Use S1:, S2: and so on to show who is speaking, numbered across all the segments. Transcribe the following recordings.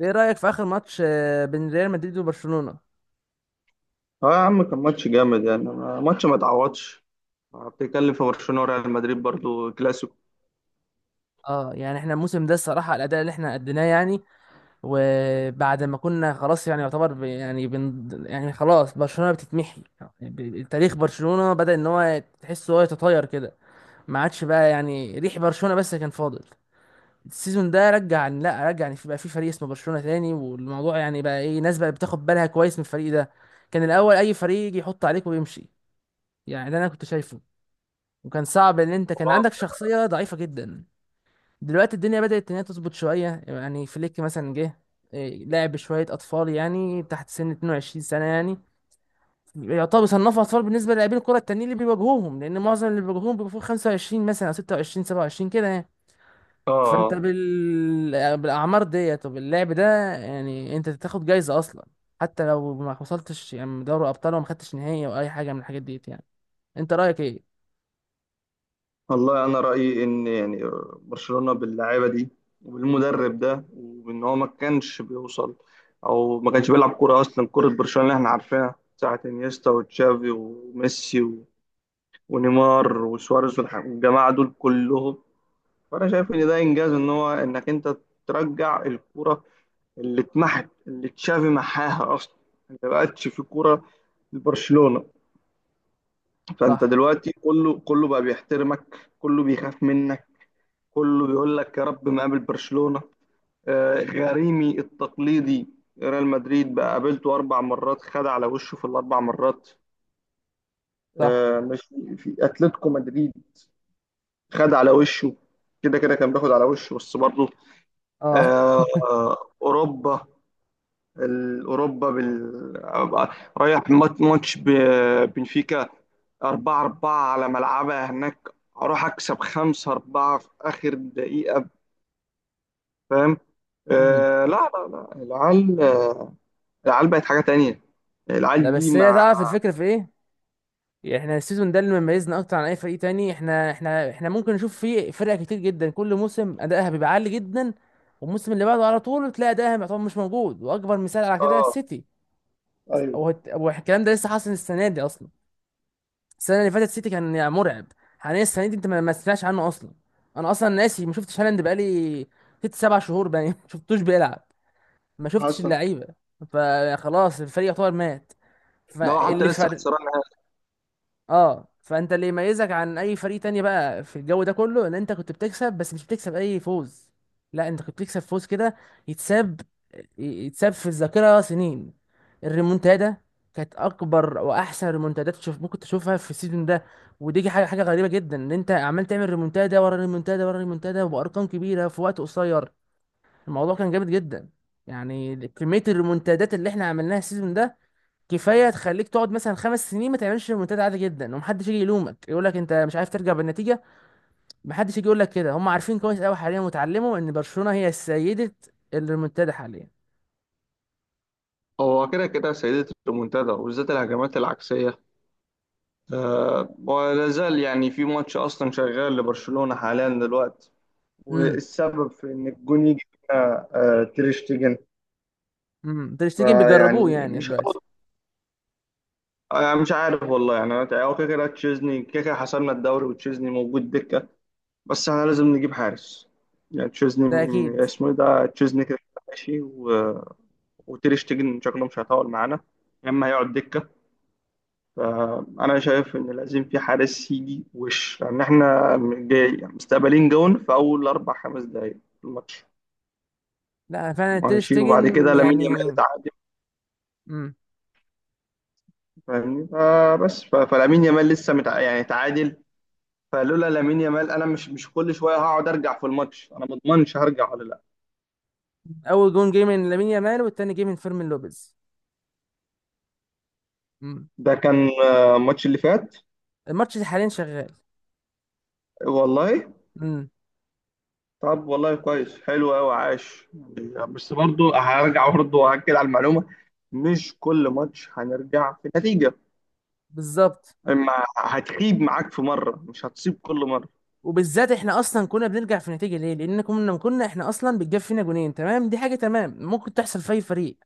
S1: ايه رأيك في آخر ماتش بين ريال مدريد وبرشلونة؟
S2: اه يا عم، كان ماتش جامد يعني ماتش ما اتعوضش. بتتكلم في برشلونة وريال مدريد برضو كلاسيكو.
S1: اه، يعني احنا الموسم ده الصراحة الأداء اللي احنا أديناه يعني. وبعد ما كنا خلاص يعني يعتبر ب- يعني بن يعني خلاص برشلونة بتتمحي يعني. تاريخ برشلونة بدأ إن هو تحسه هو يتطاير كده، ما عادش بقى يعني ريح برشلونة، بس كان فاضل. السيزون ده رجع، لا رجع يعني، بقى في فريق اسمه برشلونة تاني، والموضوع يعني بقى ايه، ناس بقى بتاخد بالها كويس من الفريق ده. كان الأول أي فريق يجي يحط عليك ويمشي، يعني ده أنا كنت شايفه. وكان صعب ان انت كان
S2: اه.
S1: عندك شخصية ضعيفة جدا. دلوقتي الدنيا بدأت ان هي تظبط شوية، يعني فليك مثلا جه لعب شوية أطفال يعني تحت سن 22 سنة يعني. يعتبر صنفوا أطفال بالنسبة للاعبين الكرة التانيين اللي بيواجهوهم، لأن معظم اللي بيواجهوهم بيبقوا فوق 25 مثلا، أو 26 27 كده يعني. فأنت
S2: اه.
S1: بالأعمار ديت وباللعب ده يعني أنت تاخد جايزة أصلا، حتى لو ما وصلتش يعني دوري أبطال وما خدتش نهائي أو أي حاجة من الحاجات ديت يعني. أنت رأيك إيه؟
S2: والله انا رأيي ان يعني برشلونة باللعيبة دي وبالمدرب ده وان هو ما كانش بيوصل او ما كانش بيلعب كورة اصلا، كورة برشلونة اللي احنا عارفينها ساعة انيستا وتشافي وميسي ونيمار وسواريز والجماعة دول كلهم. فانا شايف ان ده انجاز، ان هو انك انت ترجع الكورة اللي اتمحت، اللي تشافي محاها اصلا. انت ما بقتش في كوره لبرشلونه. فانت
S1: صح.
S2: دلوقتي كله كله بقى بيحترمك، كله بيخاف منك، كله بيقول لك يا رب ما قابل برشلونه. غريمي التقليدي ريال مدريد بقى، قابلته اربع مرات خد على وشه في الاربع مرات.
S1: صح.
S2: مش في اتلتيكو مدريد خد على وشه، كده كده كان بياخد على وشه بس برضه.
S1: أه.
S2: آه، اوروبا، الأوروبا رايح ماتش بنفيكا، 4-4 على ملعبها هناك، أروح أكسب 5-4 في آخر دقيقة. فاهم؟ آه لا لا لا، العيال العيال بقت حاجة تانية،
S1: لا،
S2: العيال دي
S1: بس هي
S2: مع.
S1: تعرف الفكرة في ايه؟ يعني احنا السيزون ده اللي مميزنا اكتر عن اي فريق تاني، احنا ممكن نشوف فيه فرق كتير جدا كل موسم ادائها بيبقى عالي جدا، والموسم اللي بعده على طول تلاقي ادائها يعتبر مش موجود. واكبر مثال على كده
S2: اه.
S1: السيتي.
S2: ايوه.
S1: والكلام ده لسه حاصل السنة دي اصلا. السنة اللي فاتت السيتي كان يعني مرعب، حاليا السنة دي انت ما سمعتش عنه اصلا. انا اصلا ناسي، ما شفتش هالاند بقالي 6 7 شهور باين. ما شفتوش بيلعب، ما شفتش
S2: حصل.
S1: اللعيبة، فخلاص الفريق يعتبر مات.
S2: ده هو حتى
S1: فاللي
S2: لسه
S1: فرق.
S2: خسران نهائي.
S1: اه، فانت اللي يميزك عن اي فريق تاني بقى في الجو ده كله، ان انت كنت بتكسب، بس مش بتكسب اي فوز. لا، انت كنت بتكسب فوز كده يتساب، يتساب في الذاكره سنين. الريمونتادا كانت اكبر واحسن ريمونتادات تشوف، ممكن تشوفها في السيزون ده. ودي حاجه غريبه جدا، ان انت عمال تعمل ريمونتادا ورا ريمونتادا ورا ريمونتادا، وبارقام كبيره في وقت قصير. الموضوع كان جامد جدا. يعني كميه الريمونتادات اللي احنا عملناها السيزون ده كفايه تخليك تقعد مثلا 5 سنين ما تعملش ريمونتادا عادي جدا، ومحدش يجي يلومك يقول لك انت مش عارف ترجع بالنتيجه. محدش يجي يقول لك كده، هم عارفين كويس قوي حاليا وتعلموا ان برشلونه هي سيده الريمونتادا حاليا.
S2: هو كده كده سيدة المنتدى وبالذات الهجمات العكسية. آه، ولا زال يعني في ماتش أصلا شغال لبرشلونة حاليا دلوقتي،
S1: امم
S2: والسبب في ان الجون يجي فينا تير شتيجن.
S1: تير شتيجن
S2: فيعني
S1: بيجربوه يعني
S2: مش
S1: دلوقتي.
S2: عارف- مش عارف والله يعني، انا هو كده كده تشيزني، كده كده حسمنا الدوري وتشيزني موجود دكه، بس احنا لازم نجيب حارس. يعني تشيزني
S1: ده اكيد.
S2: اسمه إيه ده، تشيزني كده كده ماشي، و... وتير شتيجن شكله مش هيطول معانا، يا اما هيقعد دكه. فانا شايف ان لازم في حارس يجي وش، لان احنا جاي مستقبلين جون في اول اربع خمس دقائق في الماتش.
S1: لا فعلا تير
S2: ماشي. وبعد كده
S1: شتيجن
S2: لامين يامال
S1: يعني.
S2: اتعادل،
S1: امم
S2: فاهمني؟ فبس فلامين يامال لسه يعني تعادل. فلولا لامين يامال، انا مش كل شويه هقعد ارجع في الماتش، انا ما اضمنش هرجع ولا لا.
S1: اول جون جه من لامين يامال، والتاني جه من فيرمين لوبيز. امم
S2: ده كان آه، الماتش اللي فات.
S1: الماتش ده حاليا شغال.
S2: والله؟
S1: امم
S2: طب والله كويس، حلو قوي، عاش. يعني بس برضو هرجع، برضو واكد على المعلومه، مش كل ماتش هنرجع في نتيجه.
S1: بالظبط.
S2: اما هتخيب معاك في مره، مش هتصيب كل مره.
S1: وبالذات احنا اصلا كنا بنرجع في نتيجه ليه، لان كنا احنا اصلا بتجاب فينا جونين، تمام. دي حاجه تمام ممكن تحصل في اي فريق.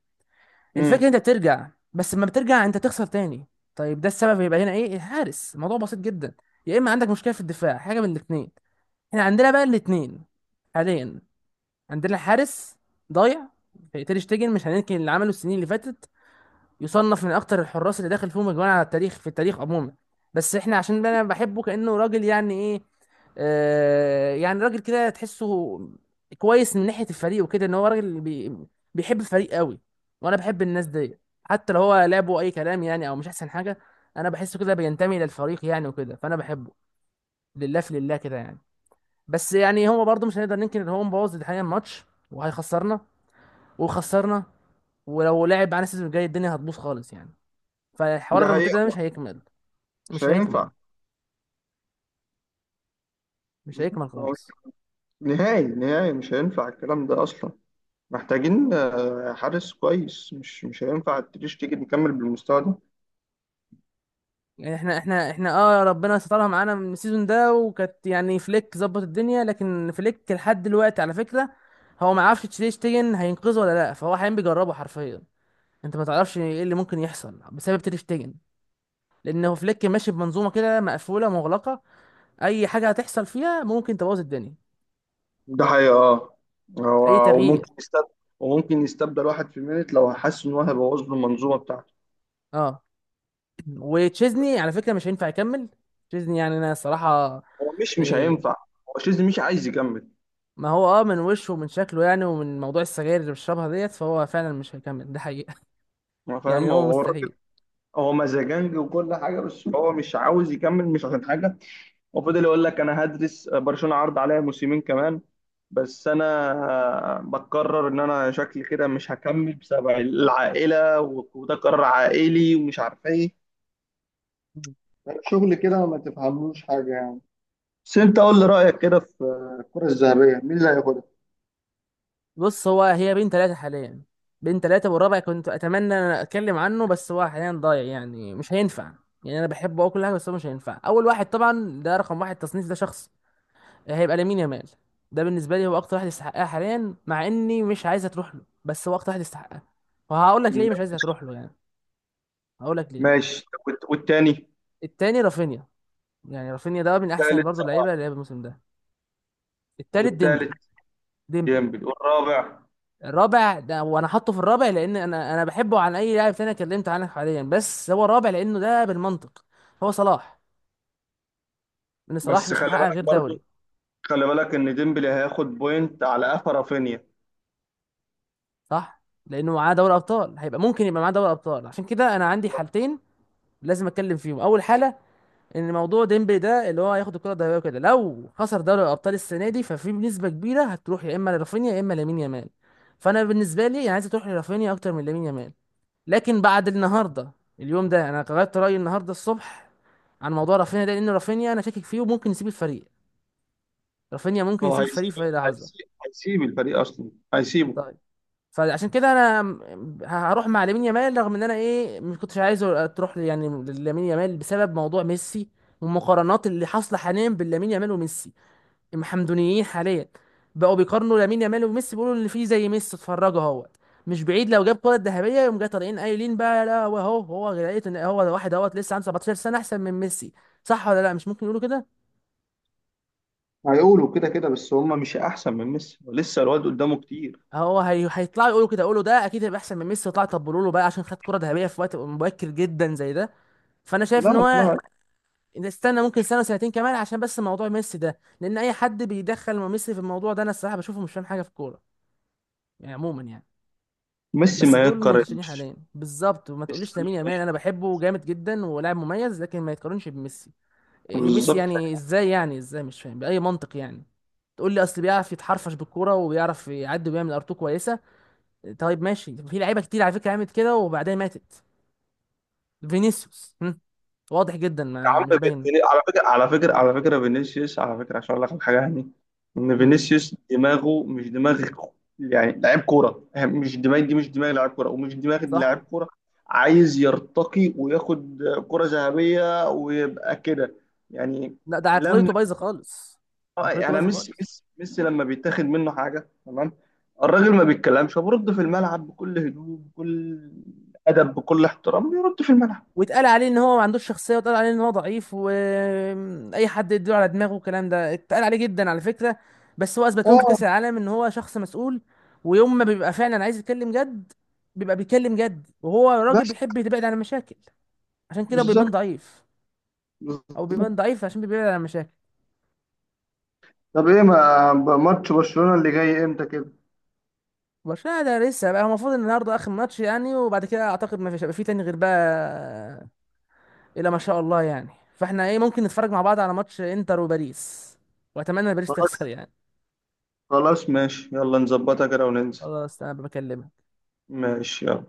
S2: امم.
S1: الفكره انت بترجع، بس لما بترجع انت تخسر تاني. طيب، ده السبب هيبقى هنا ايه الحارس. الموضوع بسيط جدا، يا اما عندك مشكله في الدفاع، حاجه من الاثنين. احنا عندنا بقى الاثنين حاليا. عندنا حارس ضايع. تير شتيجن مش هننكر اللي عمله السنين اللي فاتت، يصنف من اكتر الحراس اللي داخل فيهم اجوان على التاريخ، في التاريخ عموما. بس احنا عشان انا بحبه كانه راجل يعني ايه، يعني راجل كده تحسه كويس من ناحية الفريق وكده، ان هو راجل بيحب الفريق قوي، وانا بحب الناس دي حتى لو هو لعبه اي كلام يعني، او مش احسن حاجة. انا بحسه كده بينتمي للفريق يعني وكده، فانا بحبه لله في لله كده يعني. بس يعني هو برضه مش هنقدر ننكر ان هو مبوظ الحقيقة الماتش وهيخسرنا وخسرنا، ولو لعب معانا السيزون الجاي الدنيا هتبوظ خالص يعني. فالحوار
S2: ده
S1: الريمونتادا ده
S2: حقيقه.
S1: مش هيكمل،
S2: مش
S1: مش هيكمل،
S2: هينفع.
S1: مش
S2: بالظبط.
S1: هيكمل
S2: هو
S1: خالص.
S2: نهائي نهائي مش هينفع الكلام ده اصلا. محتاجين آه، حارس كويس. مش هينفع تريش تيجي نكمل بالمستوى ده.
S1: يعني احنا اه ربنا سترها معانا من السيزون ده، وكانت يعني فليك ظبط الدنيا. لكن فليك لحد دلوقتي على فكره هو ما عرفش تير شتيجن هينقذه ولا لا، فهو حاليا بيجربه حرفيا. انت ما تعرفش ايه اللي ممكن يحصل بسبب تير شتيجن، لان هو فليك ماشي بمنظومه كده مقفوله مغلقه، اي حاجه هتحصل فيها ممكن تبوظ الدنيا.
S2: ده حقيقة اه.
S1: اي
S2: هو
S1: تغيير.
S2: وممكن يستبدل، وممكن يستبدل واحد في مينت لو حس ان هو هيبوظ له المنظومة بتاعته.
S1: اه. وتشيزني على فكره مش هينفع يكمل. تشيزني يعني انا الصراحه،
S2: هو مش
S1: آه،
S2: هينفع. هو شيزني مش عايز يكمل.
S1: ما هو اه من وشه ومن شكله يعني، ومن موضوع السجاير اللي بيشربها ديت، فهو فعلا مش هيكمل، ده حقيقة.
S2: هو
S1: يعني
S2: فاهم، هو
S1: هو
S2: هو الراجل.
S1: مستحيل.
S2: هو مزاجنجي وكل حاجة، بس هو مش عاوز يكمل مش عشان حاجة. وفضل يقول لك انا هدرس، برشلونه عرض عليا موسمين كمان بس انا بقرر ان انا شكلي كده مش هكمل بسبب العائله، وده قرار عائلي ومش عارف ايه، شغل كده ما تفهملوش حاجة يعني. بس انت قول لي رايك كده في الكرة الذهبية، مين اللي هياخدها؟
S1: بص، هو هي بين ثلاثة حاليا. بين ثلاثة والرابع كنت أتمنى إن أنا أتكلم عنه، بس هو حاليا ضايع يعني مش هينفع. يعني أنا بحبه أه كل حاجة، بس هو مش هينفع. أول واحد طبعا، ده رقم واحد تصنيف، ده شخص هيبقى لامين يامال. ده بالنسبة لي هو أكتر واحد يستحقها حاليا، مع إني مش عايزها تروح له، بس هو أكتر واحد يستحقها. وهقول لك ليه مش عايزها
S2: ماشي.
S1: تروح له يعني، هقول لك ليه.
S2: ماشي. والتاني؟
S1: التاني رافينيا، يعني رافينيا ده من أحسن
S2: التالت
S1: برضه
S2: صلاح.
S1: اللعيبة اللي لعب الموسم ده. التالت
S2: والتالت؟
S1: ديمبلي. ديمبلي.
S2: ديمبلي والرابع.
S1: الرابع ده، وانا حاطه في الرابع لان انا بحبه عن اي لاعب تاني اتكلمت عنه حاليا، بس هو الرابع لانه ده بالمنطق هو صلاح، لان صلاح
S2: بس
S1: مش
S2: خلي
S1: محقق
S2: بالك
S1: غير دوري.
S2: برضو، خلي بالك ان ديمبلي هياخد بوينت على قفا رافينيا.
S1: صح، لانه معاه دوري ابطال، هيبقى ممكن يبقى معاه دوري ابطال. عشان كده انا عندي حالتين لازم اتكلم فيهم. اول حاله، ان موضوع ديمبلي ده اللي هو هياخد الكره الذهبيه وكده، لو خسر دوري الابطال السنه دي، ففي بنسبه كبيره هتروح يا اما لرافينيا، يا اما لامين يامال. فانا بالنسبه لي انا عايز تروح لرافينيا اكتر من لامين يامال، لكن بعد النهارده، اليوم ده، انا غيرت رايي النهارده الصبح عن موضوع رافينيا ده، لان رافينيا انا شاكك فيه وممكن يسيب الفريق. رافينيا ممكن
S2: هو
S1: يسيب الفريق في
S2: هيسيب
S1: اي لحظه.
S2: هيسيب هيسيب الفريق اصلا، هيسيبه.
S1: طيب. فعشان كده انا هروح مع لامين يامال، رغم ان انا ايه ما كنتش عايزه تروح يعني لامين يامال بسبب موضوع ميسي، والمقارنات اللي حاصله حاليا بين لامين يامال وميسي. المحمدونيين حاليا بقوا بيقارنوا لامين يامال وميسي، بيقولوا اللي فيه زي ميسي، اتفرجوا اهوت. مش بعيد لو جاب كرة ذهبية يقوم جاي طالعين قايلين بقى، لا، هو لقيت ان هو ده واحد اهوت لسه عنده 17 سنة احسن من ميسي. صح ولا لا؟ مش ممكن يقولوا كده؟
S2: هيقولوا كده، كده بس هم مش احسن من ميسي، لسه الواد قدامه كتير.
S1: هيطلعوا يقولوا كده، يقولوا ده اكيد هيبقى احسن من ميسي، طلع طبلوا له بقى عشان خد كرة ذهبية في وقت مبكر جدا زي ده. فانا شايف ان
S2: لا
S1: هو
S2: لا.
S1: نستنى ممكن 1 و2 سنين كمان، عشان بس موضوع ميسي ده، لان اي حد بيدخل ميسي في الموضوع ده انا الصراحة بشوفه مش فاهم حاجة في الكورة يعني، عموما يعني.
S2: ميسي
S1: بس
S2: ما
S1: دول المنتشرين
S2: يتقارنش.
S1: حاليا بالظبط. وما تقوليش
S2: ميسي
S1: لامين
S2: ما
S1: يامال، انا
S2: يت-
S1: بحبه جامد جدا ولاعب مميز، لكن ما يتقارنش بميسي. إيه ميسي،
S2: بالظبط.
S1: يعني ازاي يعني، ازاي مش فاهم، باي منطق يعني؟ تقول لي اصل بيعرف يتحرفش بالكوره وبيعرف يعدي ويعمل ارتو كويسه. طيب ماشي، في لعيبه كتير على فكره عملت كده وبعدين ماتت. فينيسيوس واضح جدا،
S2: يا
S1: ما
S2: عم
S1: مش باين.
S2: على فكره، على فكره، على فكره فينيسيوس، على فكره عشان اقول لك على حاجه يعني، ان
S1: هم،
S2: فينيسيوس دماغه مش دماغ. يعني لعيب كوره يعني، مش دماغ دي، مش دماغ لعيب كوره، ومش دماغ لعيب
S1: صح.
S2: كوره. عايز يرتقي وياخد كره ذهبيه ويبقى كده يعني.
S1: لا، ده
S2: لما
S1: عقليته بايظه خالص.
S2: اه
S1: عقليته
S2: يعني
S1: بايظه
S2: ميسي،
S1: خالص.
S2: ميسي ميسي لما بيتاخد منه حاجه، تمام، الراجل ما بيتكلمش، برد في الملعب بكل هدوء، بكل ادب، بكل احترام بيرد في الملعب.
S1: واتقال عليه ان هو ما عندوش شخصيه، واتقال عليه ان هو ضعيف، واي حد يدور على دماغه، والكلام ده اتقال عليه جدا على فكره. بس هو اثبت لهم في
S2: اه.
S1: كاس العالم ان هو شخص مسؤول، ويوم ما بيبقى فعلا عايز يتكلم جد بيبقى بيتكلم جد. وهو راجل
S2: بس.
S1: بيحب يبعد عن المشاكل، عشان كده بيبان
S2: بالظبط.
S1: ضعيف. او بيبان
S2: بالظبط.
S1: ضعيف عشان بيبعد عن المشاكل.
S2: طب ايه، ما ماتش برشلونه اللي جاي امتى كده؟
S1: برشلونه ده لسه بقى، هو المفروض ان النهارده اخر ماتش يعني، وبعد كده اعتقد ما فيش هيبقى في تاني غير بقى، الا ما شاء الله يعني. فاحنا ايه، ممكن نتفرج مع بعض على ماتش انتر وباريس، واتمنى باريس
S2: خلاص.
S1: تخسر يعني.
S2: خلاص ماشي، يلا نظبطها كده وننزل.
S1: خلاص، انا بكلمك.
S2: ماشي، يلا.